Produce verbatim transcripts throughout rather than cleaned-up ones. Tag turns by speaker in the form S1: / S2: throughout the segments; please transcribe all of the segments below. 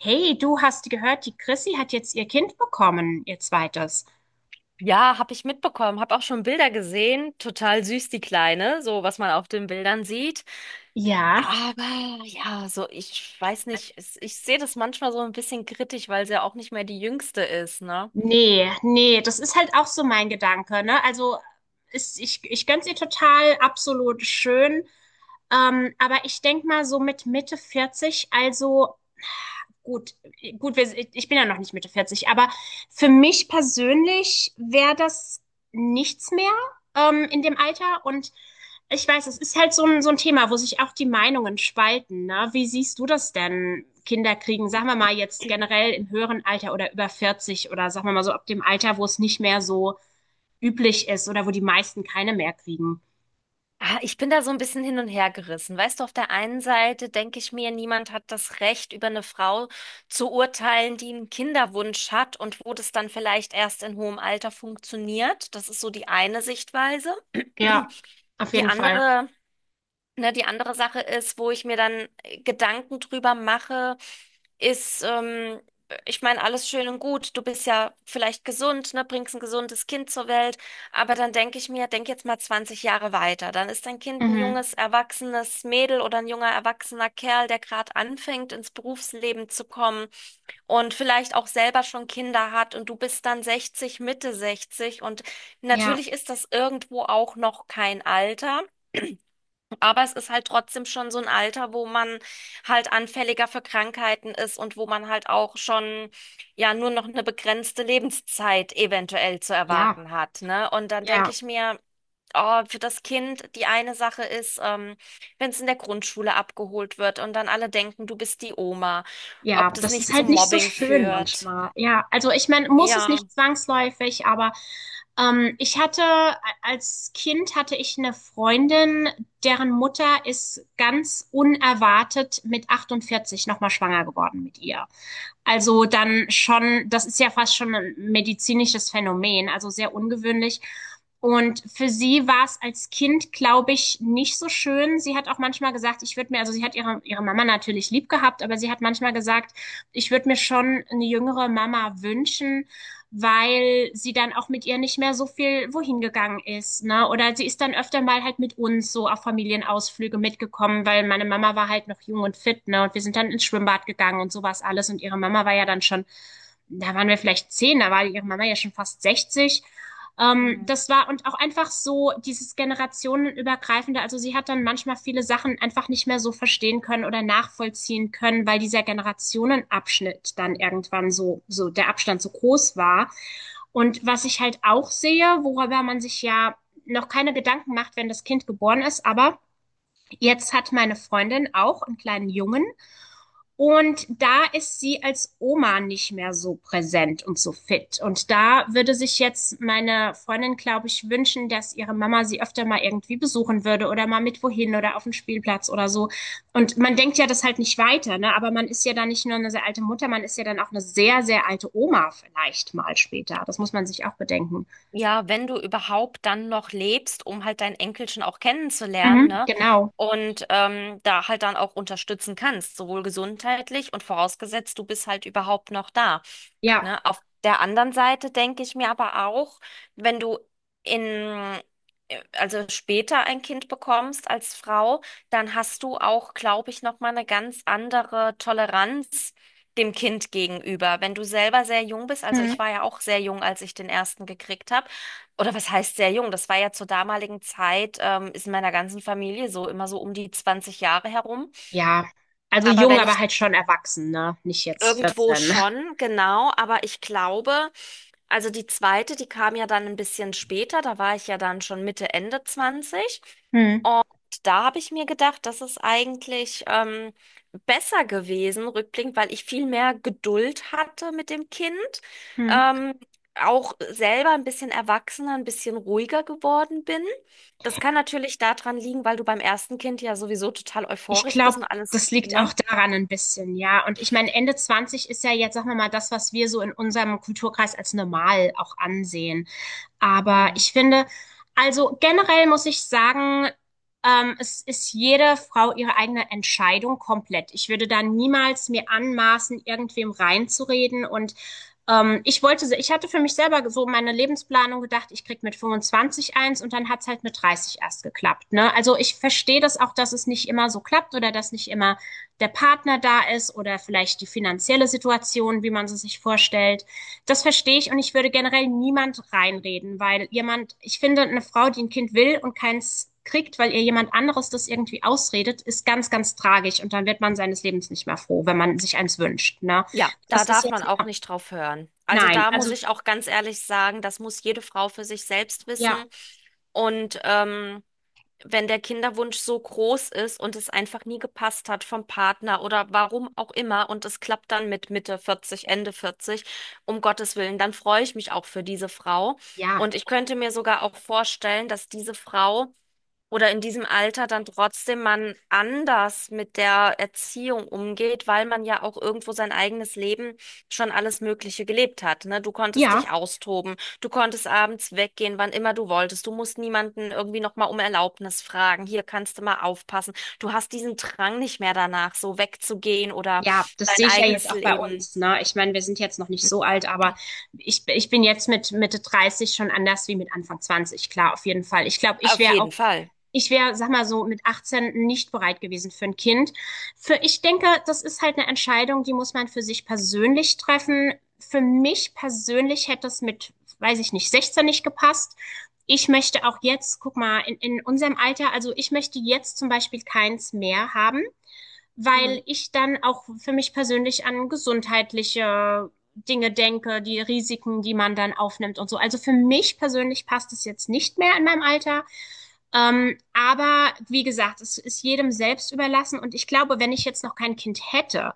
S1: Hey, du hast gehört, die Chrissy hat jetzt ihr Kind bekommen, ihr zweites.
S2: Ja, habe ich mitbekommen, habe auch schon Bilder gesehen. Total süß, die Kleine, so was man auf den Bildern sieht.
S1: Ja,
S2: Aber ja, so ich weiß nicht, es- ich sehe das manchmal so ein bisschen kritisch, weil sie ja auch nicht mehr die Jüngste ist, ne?
S1: nee, nee, das ist halt auch so mein Gedanke, ne? Also, ist, ich, ich gönn's ihr total, absolut schön. Ähm, aber ich denk mal so mit Mitte vierzig, also gut, gut, wir, ich bin ja noch nicht Mitte vierzig, aber für mich persönlich wäre das nichts mehr, ähm, in dem Alter. Und ich weiß, es ist halt so ein, so ein Thema, wo sich auch die Meinungen spalten. Ne? Wie siehst du das denn, Kinder kriegen? Sagen wir mal jetzt generell im höheren Alter oder über vierzig oder sagen wir mal so ab dem Alter, wo es nicht mehr so üblich ist oder wo die meisten keine mehr kriegen.
S2: Ah, ich bin da so ein bisschen hin und her gerissen. Weißt du, auf der einen Seite denke ich mir, niemand hat das Recht, über eine Frau zu urteilen, die einen Kinderwunsch hat und wo das dann vielleicht erst in hohem Alter funktioniert. Das ist so die eine Sichtweise.
S1: Ja, auf
S2: Die
S1: jeden Fall.
S2: andere. Ne, die andere Sache ist, wo ich mir dann äh, Gedanken drüber mache, ist, ähm, Ich meine, alles schön und gut. Du bist ja vielleicht gesund, ne, bringst ein gesundes Kind zur Welt. Aber dann denke ich mir, denk jetzt mal zwanzig Jahre weiter. Dann ist dein Kind ein
S1: Mhm.
S2: junges, erwachsenes Mädel oder ein junger, erwachsener Kerl, der gerade anfängt, ins Berufsleben zu kommen und vielleicht auch selber schon Kinder hat und du bist dann sechzig, Mitte sechzig, und
S1: Ja,
S2: natürlich ist das irgendwo auch noch kein Alter. Aber es ist halt trotzdem schon so ein Alter, wo man halt anfälliger für Krankheiten ist und wo man halt auch schon ja nur noch eine begrenzte Lebenszeit eventuell zu
S1: ja,
S2: erwarten hat, ne? Und dann denke
S1: ja.
S2: ich mir, oh, für das Kind die eine Sache ist, ähm, wenn es in der Grundschule abgeholt wird und dann alle denken, du bist die Oma, ob
S1: Ja,
S2: das
S1: das ist
S2: nicht zu
S1: halt nicht so
S2: Mobbing
S1: schön
S2: führt.
S1: manchmal. Ja, also ich meine, muss es
S2: Ja.
S1: nicht zwangsläufig, aber ähm, ich hatte als Kind hatte ich eine Freundin, deren Mutter ist ganz unerwartet mit achtundvierzig nochmal schwanger geworden mit ihr. Also dann schon, das ist ja fast schon ein medizinisches Phänomen, also sehr ungewöhnlich. Und für sie war es als Kind, glaube ich, nicht so schön. Sie hat auch manchmal gesagt, ich würde mir, also sie hat ihre, ihre Mama natürlich lieb gehabt, aber sie hat manchmal gesagt, ich würde mir schon eine jüngere Mama wünschen, weil sie dann auch mit ihr nicht mehr so viel wohin gegangen ist, ne? Oder sie ist dann öfter mal halt mit uns so auf Familienausflüge mitgekommen, weil meine Mama war halt noch jung und fit, ne? Und wir sind dann ins Schwimmbad gegangen und sowas alles. Und ihre Mama war ja dann schon, da waren wir vielleicht zehn, da war ihre Mama ja schon fast sechzig, ähm,
S2: Hm.
S1: das war und auch einfach so dieses generationenübergreifende. Also sie hat dann manchmal viele Sachen einfach nicht mehr so verstehen können oder nachvollziehen können, weil dieser Generationenabschnitt dann irgendwann so, so der Abstand so groß war. Und was ich halt auch sehe, worüber man sich ja noch keine Gedanken macht, wenn das Kind geboren ist, aber jetzt hat meine Freundin auch einen kleinen Jungen und da ist sie als Oma nicht mehr so präsent und so fit. Und da würde sich jetzt meine Freundin, glaube ich, wünschen, dass ihre Mama sie öfter mal irgendwie besuchen würde oder mal mit wohin oder auf den Spielplatz oder so. Und man denkt ja das halt nicht weiter, ne? Aber man ist ja dann nicht nur eine sehr alte Mutter, man ist ja dann auch eine sehr, sehr alte Oma vielleicht mal später. Das muss man sich auch bedenken.
S2: Ja, wenn du überhaupt dann noch lebst, um halt dein Enkelchen auch kennenzulernen,
S1: Mhm,
S2: ne?
S1: genau.
S2: Und ähm, da halt dann auch unterstützen kannst, sowohl gesundheitlich und vorausgesetzt, du bist halt überhaupt noch da.
S1: Ja.
S2: Ne? Auf der anderen Seite denke ich mir aber auch, wenn du in, äh, also später ein Kind bekommst als Frau, dann hast du auch, glaube ich, nochmal eine ganz andere Toleranz dem Kind gegenüber. Wenn du selber sehr jung bist, also
S1: Mhm.
S2: ich war ja auch sehr jung, als ich den ersten gekriegt habe. Oder was heißt sehr jung? Das war ja zur damaligen Zeit, ähm, ist in meiner ganzen Familie so immer so um die zwanzig Jahre herum.
S1: Ja. Also
S2: Aber
S1: jung,
S2: wenn
S1: aber
S2: ich
S1: halt schon erwachsen, ne? Nicht jetzt
S2: irgendwo
S1: vierzehn.
S2: schon, genau, aber ich glaube, also die zweite, die kam ja dann ein bisschen später, da war ich ja dann schon Mitte, Ende zwanzig.
S1: Mhm.
S2: Da habe ich mir gedacht, das ist eigentlich ähm, besser gewesen, rückblickend, weil ich viel mehr Geduld hatte mit dem Kind.
S1: Mhm.
S2: Ähm, Auch selber ein bisschen erwachsener, ein bisschen ruhiger geworden bin. Das kann natürlich daran liegen, weil du beim ersten Kind ja sowieso total
S1: Ich
S2: euphorisch bist
S1: glaube,
S2: und alles,
S1: das liegt auch
S2: ne?
S1: daran ein bisschen, ja. Und ich meine, Ende zwanzig ist ja jetzt, sagen wir mal, das, was wir so in unserem Kulturkreis als normal auch ansehen. Aber
S2: Hm.
S1: ich finde, also generell muss ich sagen, ähm, es ist jede Frau ihre eigene Entscheidung komplett. Ich würde da niemals mir anmaßen, irgendwem reinzureden. Und ähm, ich wollte, se- ich hatte für mich selber so meine Lebensplanung gedacht, ich krieg mit fünfundzwanzig eins und dann hat's halt mit dreißig erst geklappt. Ne? Also ich verstehe das auch, dass es nicht immer so klappt oder dass nicht immer der Partner da ist oder vielleicht die finanzielle Situation, wie man sie sich vorstellt. Das verstehe ich und ich würde generell niemand reinreden, weil jemand, ich finde, eine Frau, die ein Kind will und keins kriegt, weil ihr jemand anderes das irgendwie ausredet, ist ganz, ganz tragisch und dann wird man seines Lebens nicht mehr froh, wenn man sich eins wünscht. Ne?
S2: Ja, da
S1: Das ist
S2: darf man
S1: jetzt,
S2: auch nicht drauf hören. Also
S1: nein,
S2: da muss
S1: also
S2: ich auch ganz ehrlich sagen, das muss jede Frau für sich selbst wissen.
S1: ja,
S2: Und ähm, wenn der Kinderwunsch so groß ist und es einfach nie gepasst hat vom Partner oder warum auch immer und es klappt dann mit Mitte vierzig Ende vierzig, um Gottes Willen, dann freue ich mich auch für diese Frau.
S1: ja,
S2: Und ich könnte mir sogar auch vorstellen, dass diese Frau oder in diesem Alter dann trotzdem man anders mit der Erziehung umgeht, weil man ja auch irgendwo sein eigenes Leben schon alles Mögliche gelebt hat, ne? Du konntest
S1: ja.
S2: dich austoben, du konntest abends weggehen, wann immer du wolltest, du musst niemanden irgendwie nochmal um Erlaubnis fragen, hier kannst du mal aufpassen. Du hast diesen Drang nicht mehr danach, so wegzugehen oder
S1: Ja, das
S2: dein
S1: sehe ich ja jetzt
S2: eigenes
S1: auch bei
S2: Leben.
S1: uns, ne? Ich meine, wir sind jetzt noch nicht so alt, aber ich, ich bin jetzt mit Mitte dreißig schon anders wie mit Anfang zwanzig, klar, auf jeden Fall. Ich glaube, ich
S2: Auf
S1: wäre auch
S2: jeden Fall.
S1: ich wäre, sag mal so, mit achtzehn nicht bereit gewesen für ein Kind. Für, ich denke, das ist halt eine Entscheidung, die muss man für sich persönlich treffen. Für mich persönlich hätte es mit, weiß ich nicht, sechzehn nicht gepasst. Ich möchte auch jetzt, guck mal, in, in unserem Alter, also ich möchte jetzt zum Beispiel keins mehr haben, weil
S2: Mhm.
S1: ich dann auch für mich persönlich an gesundheitliche Dinge denke, die Risiken, die man dann aufnimmt und so. Also für mich persönlich passt es jetzt nicht mehr in meinem Alter. Ähm, aber wie gesagt, es ist jedem selbst überlassen. Und ich glaube, wenn ich jetzt noch kein Kind hätte,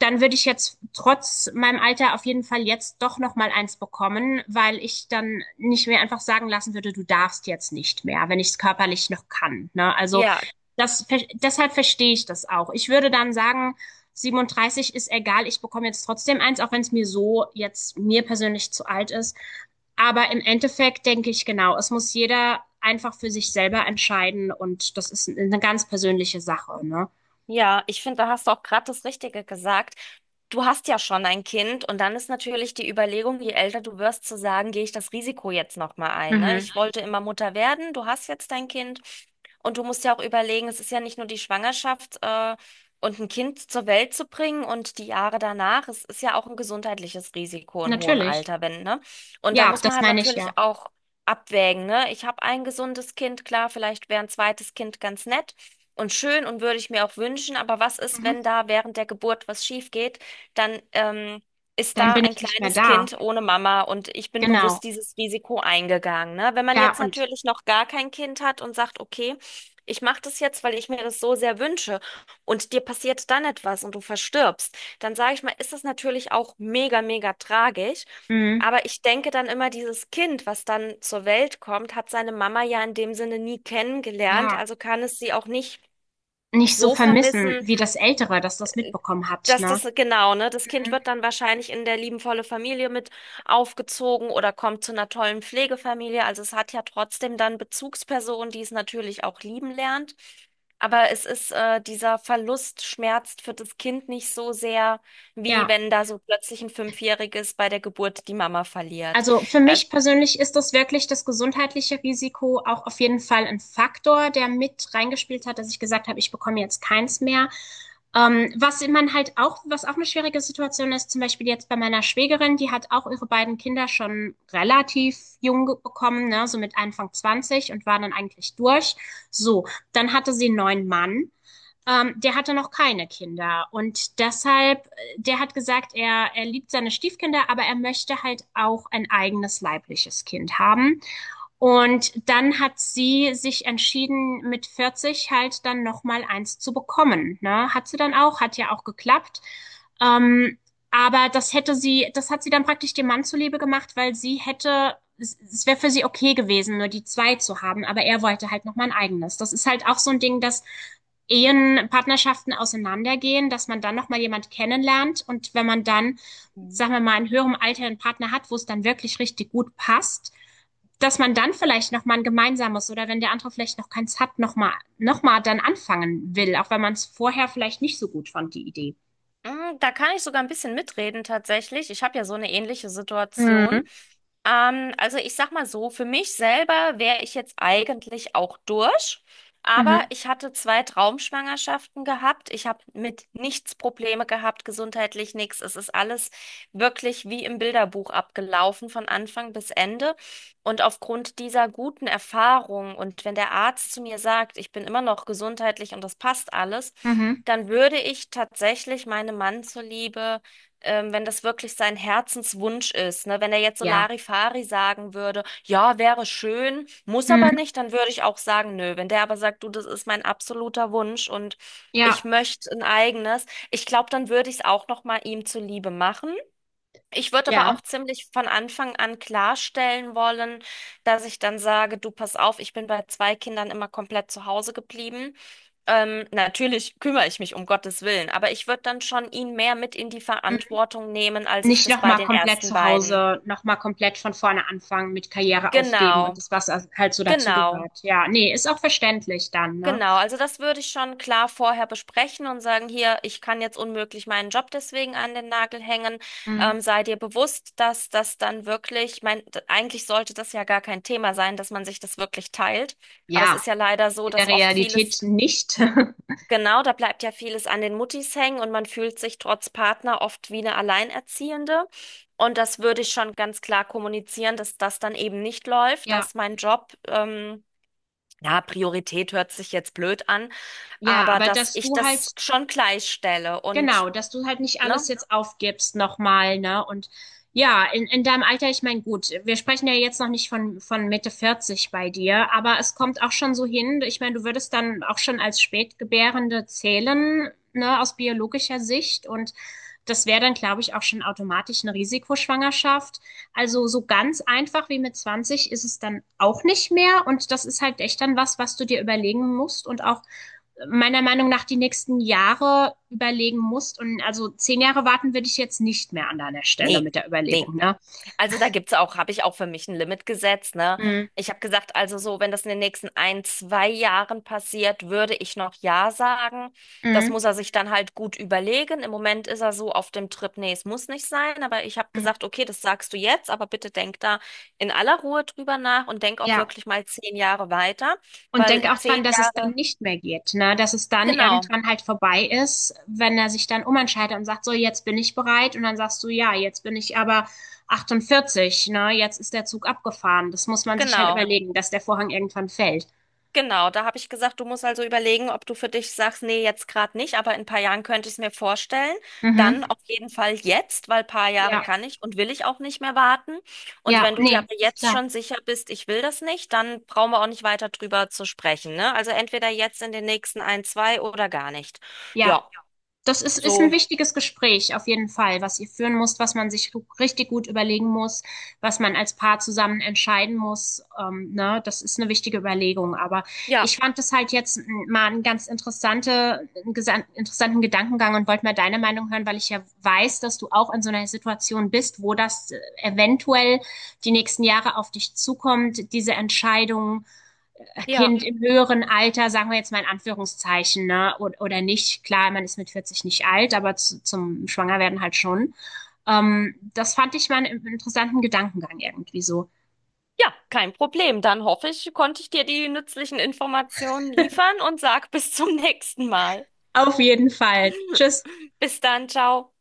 S1: dann würde ich jetzt trotz meinem Alter auf jeden Fall jetzt doch noch mal eins bekommen, weil ich dann nicht mehr einfach sagen lassen würde, du darfst jetzt nicht mehr, wenn ich es körperlich noch kann. Ne? Also
S2: Ja.
S1: das, ver- deshalb verstehe ich das auch. Ich würde dann sagen, siebenunddreißig ist egal, ich bekomme jetzt trotzdem eins, auch wenn es mir so jetzt mir persönlich zu alt ist. Aber im Endeffekt denke ich genau, es muss jeder einfach für sich selber entscheiden und das ist eine ganz persönliche Sache, ne?
S2: Ja, ich finde, da hast du auch gerade das Richtige gesagt. Du hast ja schon ein Kind und dann ist natürlich die Überlegung, je älter du wirst, zu sagen, gehe ich das Risiko jetzt nochmal ein, ne?
S1: Mhm.
S2: Ich wollte immer Mutter werden, du hast jetzt dein Kind und du musst ja auch überlegen, es ist ja nicht nur die Schwangerschaft, äh, und ein Kind zur Welt zu bringen und die Jahre danach, es ist ja auch ein gesundheitliches Risiko in hohem
S1: Natürlich.
S2: Alter, wenn, ne? Und da
S1: Ja,
S2: muss man
S1: das
S2: halt
S1: meine ich ja.
S2: natürlich auch abwägen, ne? Ich habe ein gesundes Kind, klar, vielleicht wäre ein zweites Kind ganz nett und schön und würde ich mir auch wünschen. Aber was ist,
S1: Mhm.
S2: wenn da während der Geburt was schief geht? Dann ähm, ist
S1: Dann
S2: da
S1: bin
S2: ein
S1: ich nicht mehr
S2: kleines
S1: da.
S2: Kind ohne Mama und ich bin
S1: Genau.
S2: bewusst dieses Risiko eingegangen. Ne? Wenn man
S1: Ja,
S2: jetzt
S1: und
S2: natürlich noch gar kein Kind hat und sagt, okay, ich mache das jetzt, weil ich mir das so sehr wünsche und dir passiert dann etwas und du verstirbst, dann sage ich mal, ist das natürlich auch mega, mega tragisch.
S1: mhm.
S2: Aber ich denke dann immer, dieses Kind, was dann zur Welt kommt, hat seine Mama ja in dem Sinne nie kennengelernt,
S1: ja,
S2: also kann es sie auch nicht
S1: nicht so
S2: so
S1: vermissen
S2: vermissen,
S1: wie das Ältere, das das mitbekommen hat,
S2: dass
S1: ne?
S2: das, genau, ne, das Kind
S1: Mhm.
S2: wird dann wahrscheinlich in der liebenvolle Familie mit aufgezogen oder kommt zu einer tollen Pflegefamilie. Also es hat ja trotzdem dann Bezugspersonen, die es natürlich auch lieben lernt. Aber es ist, äh, dieser Verlust schmerzt für das Kind nicht so sehr, wie
S1: Ja,
S2: wenn da so plötzlich ein Fünfjähriges bei der Geburt die Mama verliert.
S1: also für
S2: Also
S1: mich persönlich ist das wirklich das gesundheitliche Risiko auch auf jeden Fall ein Faktor, der mit reingespielt hat, dass ich gesagt habe, ich bekomme jetzt keins mehr. Ähm, was man halt auch, was auch eine schwierige Situation ist, zum Beispiel jetzt bei meiner Schwägerin, die hat auch ihre beiden Kinder schon relativ jung ge- bekommen, ne, so mit Anfang zwanzig und war dann eigentlich durch. So, dann hatte sie einen neuen Mann. Ähm, der hatte noch keine Kinder und deshalb, äh, der hat gesagt, er, er liebt seine Stiefkinder, aber er möchte halt auch ein eigenes leibliches Kind haben. Und dann hat sie sich entschieden, mit vierzig halt dann nochmal eins zu bekommen. Ne? Hat sie dann auch, hat ja auch geklappt. Ähm, aber das hätte sie, das hat sie dann praktisch dem Mann zuliebe gemacht, weil sie hätte, es, es wäre für sie okay gewesen, nur die zwei zu haben, aber er wollte halt nochmal ein eigenes. Das ist halt auch so ein Ding, dass Ehen, Partnerschaften auseinandergehen, dass man dann nochmal jemand kennenlernt und wenn man dann, sagen wir mal, in höherem Alter einen Partner hat, wo es dann wirklich richtig gut passt, dass man dann vielleicht nochmal ein gemeinsames oder wenn der andere vielleicht noch keins hat, nochmal noch mal dann anfangen will, auch wenn man es vorher vielleicht nicht so gut fand, die Idee.
S2: Mm, da kann ich sogar ein bisschen mitreden tatsächlich. Ich habe ja so eine ähnliche Situation.
S1: Mhm.
S2: Ähm, also ich sag mal so, für mich selber wäre ich jetzt eigentlich auch durch, aber
S1: Mhm.
S2: ich hatte zwei Traumschwangerschaften gehabt. Ich habe mit nichts Probleme gehabt, gesundheitlich nichts. Es ist alles wirklich wie im Bilderbuch abgelaufen, von Anfang bis Ende. Und aufgrund dieser guten Erfahrung und wenn der Arzt zu mir sagt, ich bin immer noch gesundheitlich und das passt alles,
S1: Mhm.
S2: dann würde ich tatsächlich meinem Mann zuliebe, ähm, wenn das wirklich sein Herzenswunsch ist, ne? Wenn er jetzt so
S1: Ja.
S2: Larifari sagen würde, ja, wäre schön, muss aber
S1: Mhm.
S2: nicht, dann würde ich auch sagen, nö. Wenn der aber sagt, du, das ist mein absoluter Wunsch und ich
S1: Ja.
S2: möchte ein eigenes, ich glaube, dann würde ich es auch noch mal ihm zuliebe machen. Ich würde aber
S1: Ja.
S2: auch ziemlich von Anfang an klarstellen wollen, dass ich dann sage, du pass auf, ich bin bei zwei Kindern immer komplett zu Hause geblieben. Ähm, natürlich kümmere ich mich um Gottes Willen, aber ich würde dann schon ihn mehr mit in die
S1: Mhm.
S2: Verantwortung nehmen, als ich
S1: Nicht
S2: das bei
S1: nochmal
S2: den
S1: komplett
S2: ersten
S1: zu
S2: beiden.
S1: Hause, nochmal komplett von vorne anfangen, mit Karriere aufgeben und
S2: Genau,
S1: das, was halt so
S2: genau.
S1: dazugehört. Ja, nee, ist auch verständlich dann, ne?
S2: Genau, also das würde ich schon klar vorher besprechen und sagen, hier, ich kann jetzt unmöglich meinen Job deswegen an den Nagel hängen.
S1: Mhm.
S2: Ähm, sei dir bewusst, dass das dann wirklich, ich meine, d- eigentlich sollte das ja gar kein Thema sein, dass man sich das wirklich teilt. Aber es
S1: Ja,
S2: ist ja leider so,
S1: in der
S2: dass oft
S1: Realität
S2: vieles,
S1: nicht.
S2: genau, da bleibt ja vieles an den Muttis hängen und man fühlt sich trotz Partner oft wie eine Alleinerziehende. Und das würde ich schon ganz klar kommunizieren, dass das dann eben nicht läuft,
S1: Ja,
S2: dass mein Job, ähm, ja, Priorität hört sich jetzt blöd an,
S1: ja,
S2: aber
S1: aber
S2: dass
S1: dass
S2: ich
S1: du
S2: das
S1: halt
S2: schon gleichstelle und,
S1: Genau, dass du halt nicht
S2: ne?
S1: alles jetzt aufgibst nochmal, ne? Und ja, in, in deinem Alter, ich meine, gut, wir sprechen ja jetzt noch nicht von, von Mitte vierzig bei dir, aber es kommt auch schon so hin, ich meine, du würdest dann auch schon als Spätgebärende zählen, ne, aus biologischer Sicht und das wäre dann, glaube ich, auch schon automatisch eine Risikoschwangerschaft. Also so ganz einfach wie mit zwanzig ist es dann auch nicht mehr und das ist halt echt dann was, was du dir überlegen musst und auch meiner Meinung nach die nächsten Jahre überlegen musst. Und also zehn Jahre warten würde ich jetzt nicht mehr an deiner Stelle
S2: Nee.
S1: mit der
S2: Nee,
S1: Überlebung, ne?
S2: also da gibt's auch, habe ich auch für mich ein Limit gesetzt, ne?
S1: Mhm.
S2: Ich habe gesagt, also so, wenn das in den nächsten ein, zwei Jahren passiert, würde ich noch ja sagen. Das
S1: Mhm.
S2: muss er sich dann halt gut überlegen. Im Moment ist er so auf dem Trip, nee, es muss nicht sein, aber ich habe
S1: Mhm.
S2: gesagt, okay, das sagst du jetzt, aber bitte denk da in aller Ruhe drüber nach und denk auch
S1: Ja.
S2: wirklich mal zehn Jahre weiter,
S1: Und
S2: weil
S1: denk auch
S2: zehn
S1: dran, dass es
S2: Jahre,
S1: dann nicht mehr geht, ne? Dass es dann
S2: genau,
S1: irgendwann halt vorbei ist, wenn er sich dann umentscheidet und sagt, so, jetzt bin ich bereit. Und dann sagst du, ja, jetzt bin ich aber achtundvierzig, ne? Jetzt ist der Zug abgefahren. Das muss man sich halt
S2: genau.
S1: überlegen, dass der Vorhang irgendwann fällt.
S2: Genau, da habe ich gesagt, du musst also überlegen, ob du für dich sagst, nee, jetzt gerade nicht, aber in ein paar Jahren könnte ich es mir vorstellen.
S1: Mhm.
S2: Dann auf jeden Fall jetzt, weil ein paar Jahre
S1: Ja,
S2: kann ich und will ich auch nicht mehr warten. Und
S1: ja,
S2: wenn du dir
S1: nee,
S2: aber
S1: ist
S2: jetzt
S1: klar.
S2: schon sicher bist, ich will das nicht, dann brauchen wir auch nicht weiter drüber zu sprechen, ne? Also entweder jetzt in den nächsten ein, zwei oder gar nicht.
S1: Ja.
S2: Ja,
S1: Das ist, ist ein
S2: so,
S1: wichtiges Gespräch auf jeden Fall, was ihr führen müsst, was man sich ru- richtig gut überlegen muss, was man als Paar zusammen entscheiden muss. Ähm, ne? Das ist eine wichtige Überlegung. Aber ich
S2: ja,
S1: fand das halt jetzt m, mal einen ganz interessante, einen gesan- interessanten Gedankengang und wollte mal deine Meinung hören, weil ich ja weiß, dass du auch in so einer Situation bist, wo das äh, eventuell die nächsten Jahre auf dich zukommt, diese Entscheidung
S2: ja.
S1: Kind im höheren Alter, sagen wir jetzt mal in Anführungszeichen, ne, oder, oder nicht. Klar, man ist mit vierzig nicht alt, aber zu, zum Schwangerwerden halt schon. Ähm, das fand ich mal einen interessanten Gedankengang irgendwie so.
S2: Ja, kein Problem. Dann hoffe ich, konnte ich dir die nützlichen Informationen liefern und sag bis zum nächsten Mal.
S1: Auf jeden Fall. Tschüss.
S2: Bis dann, ciao.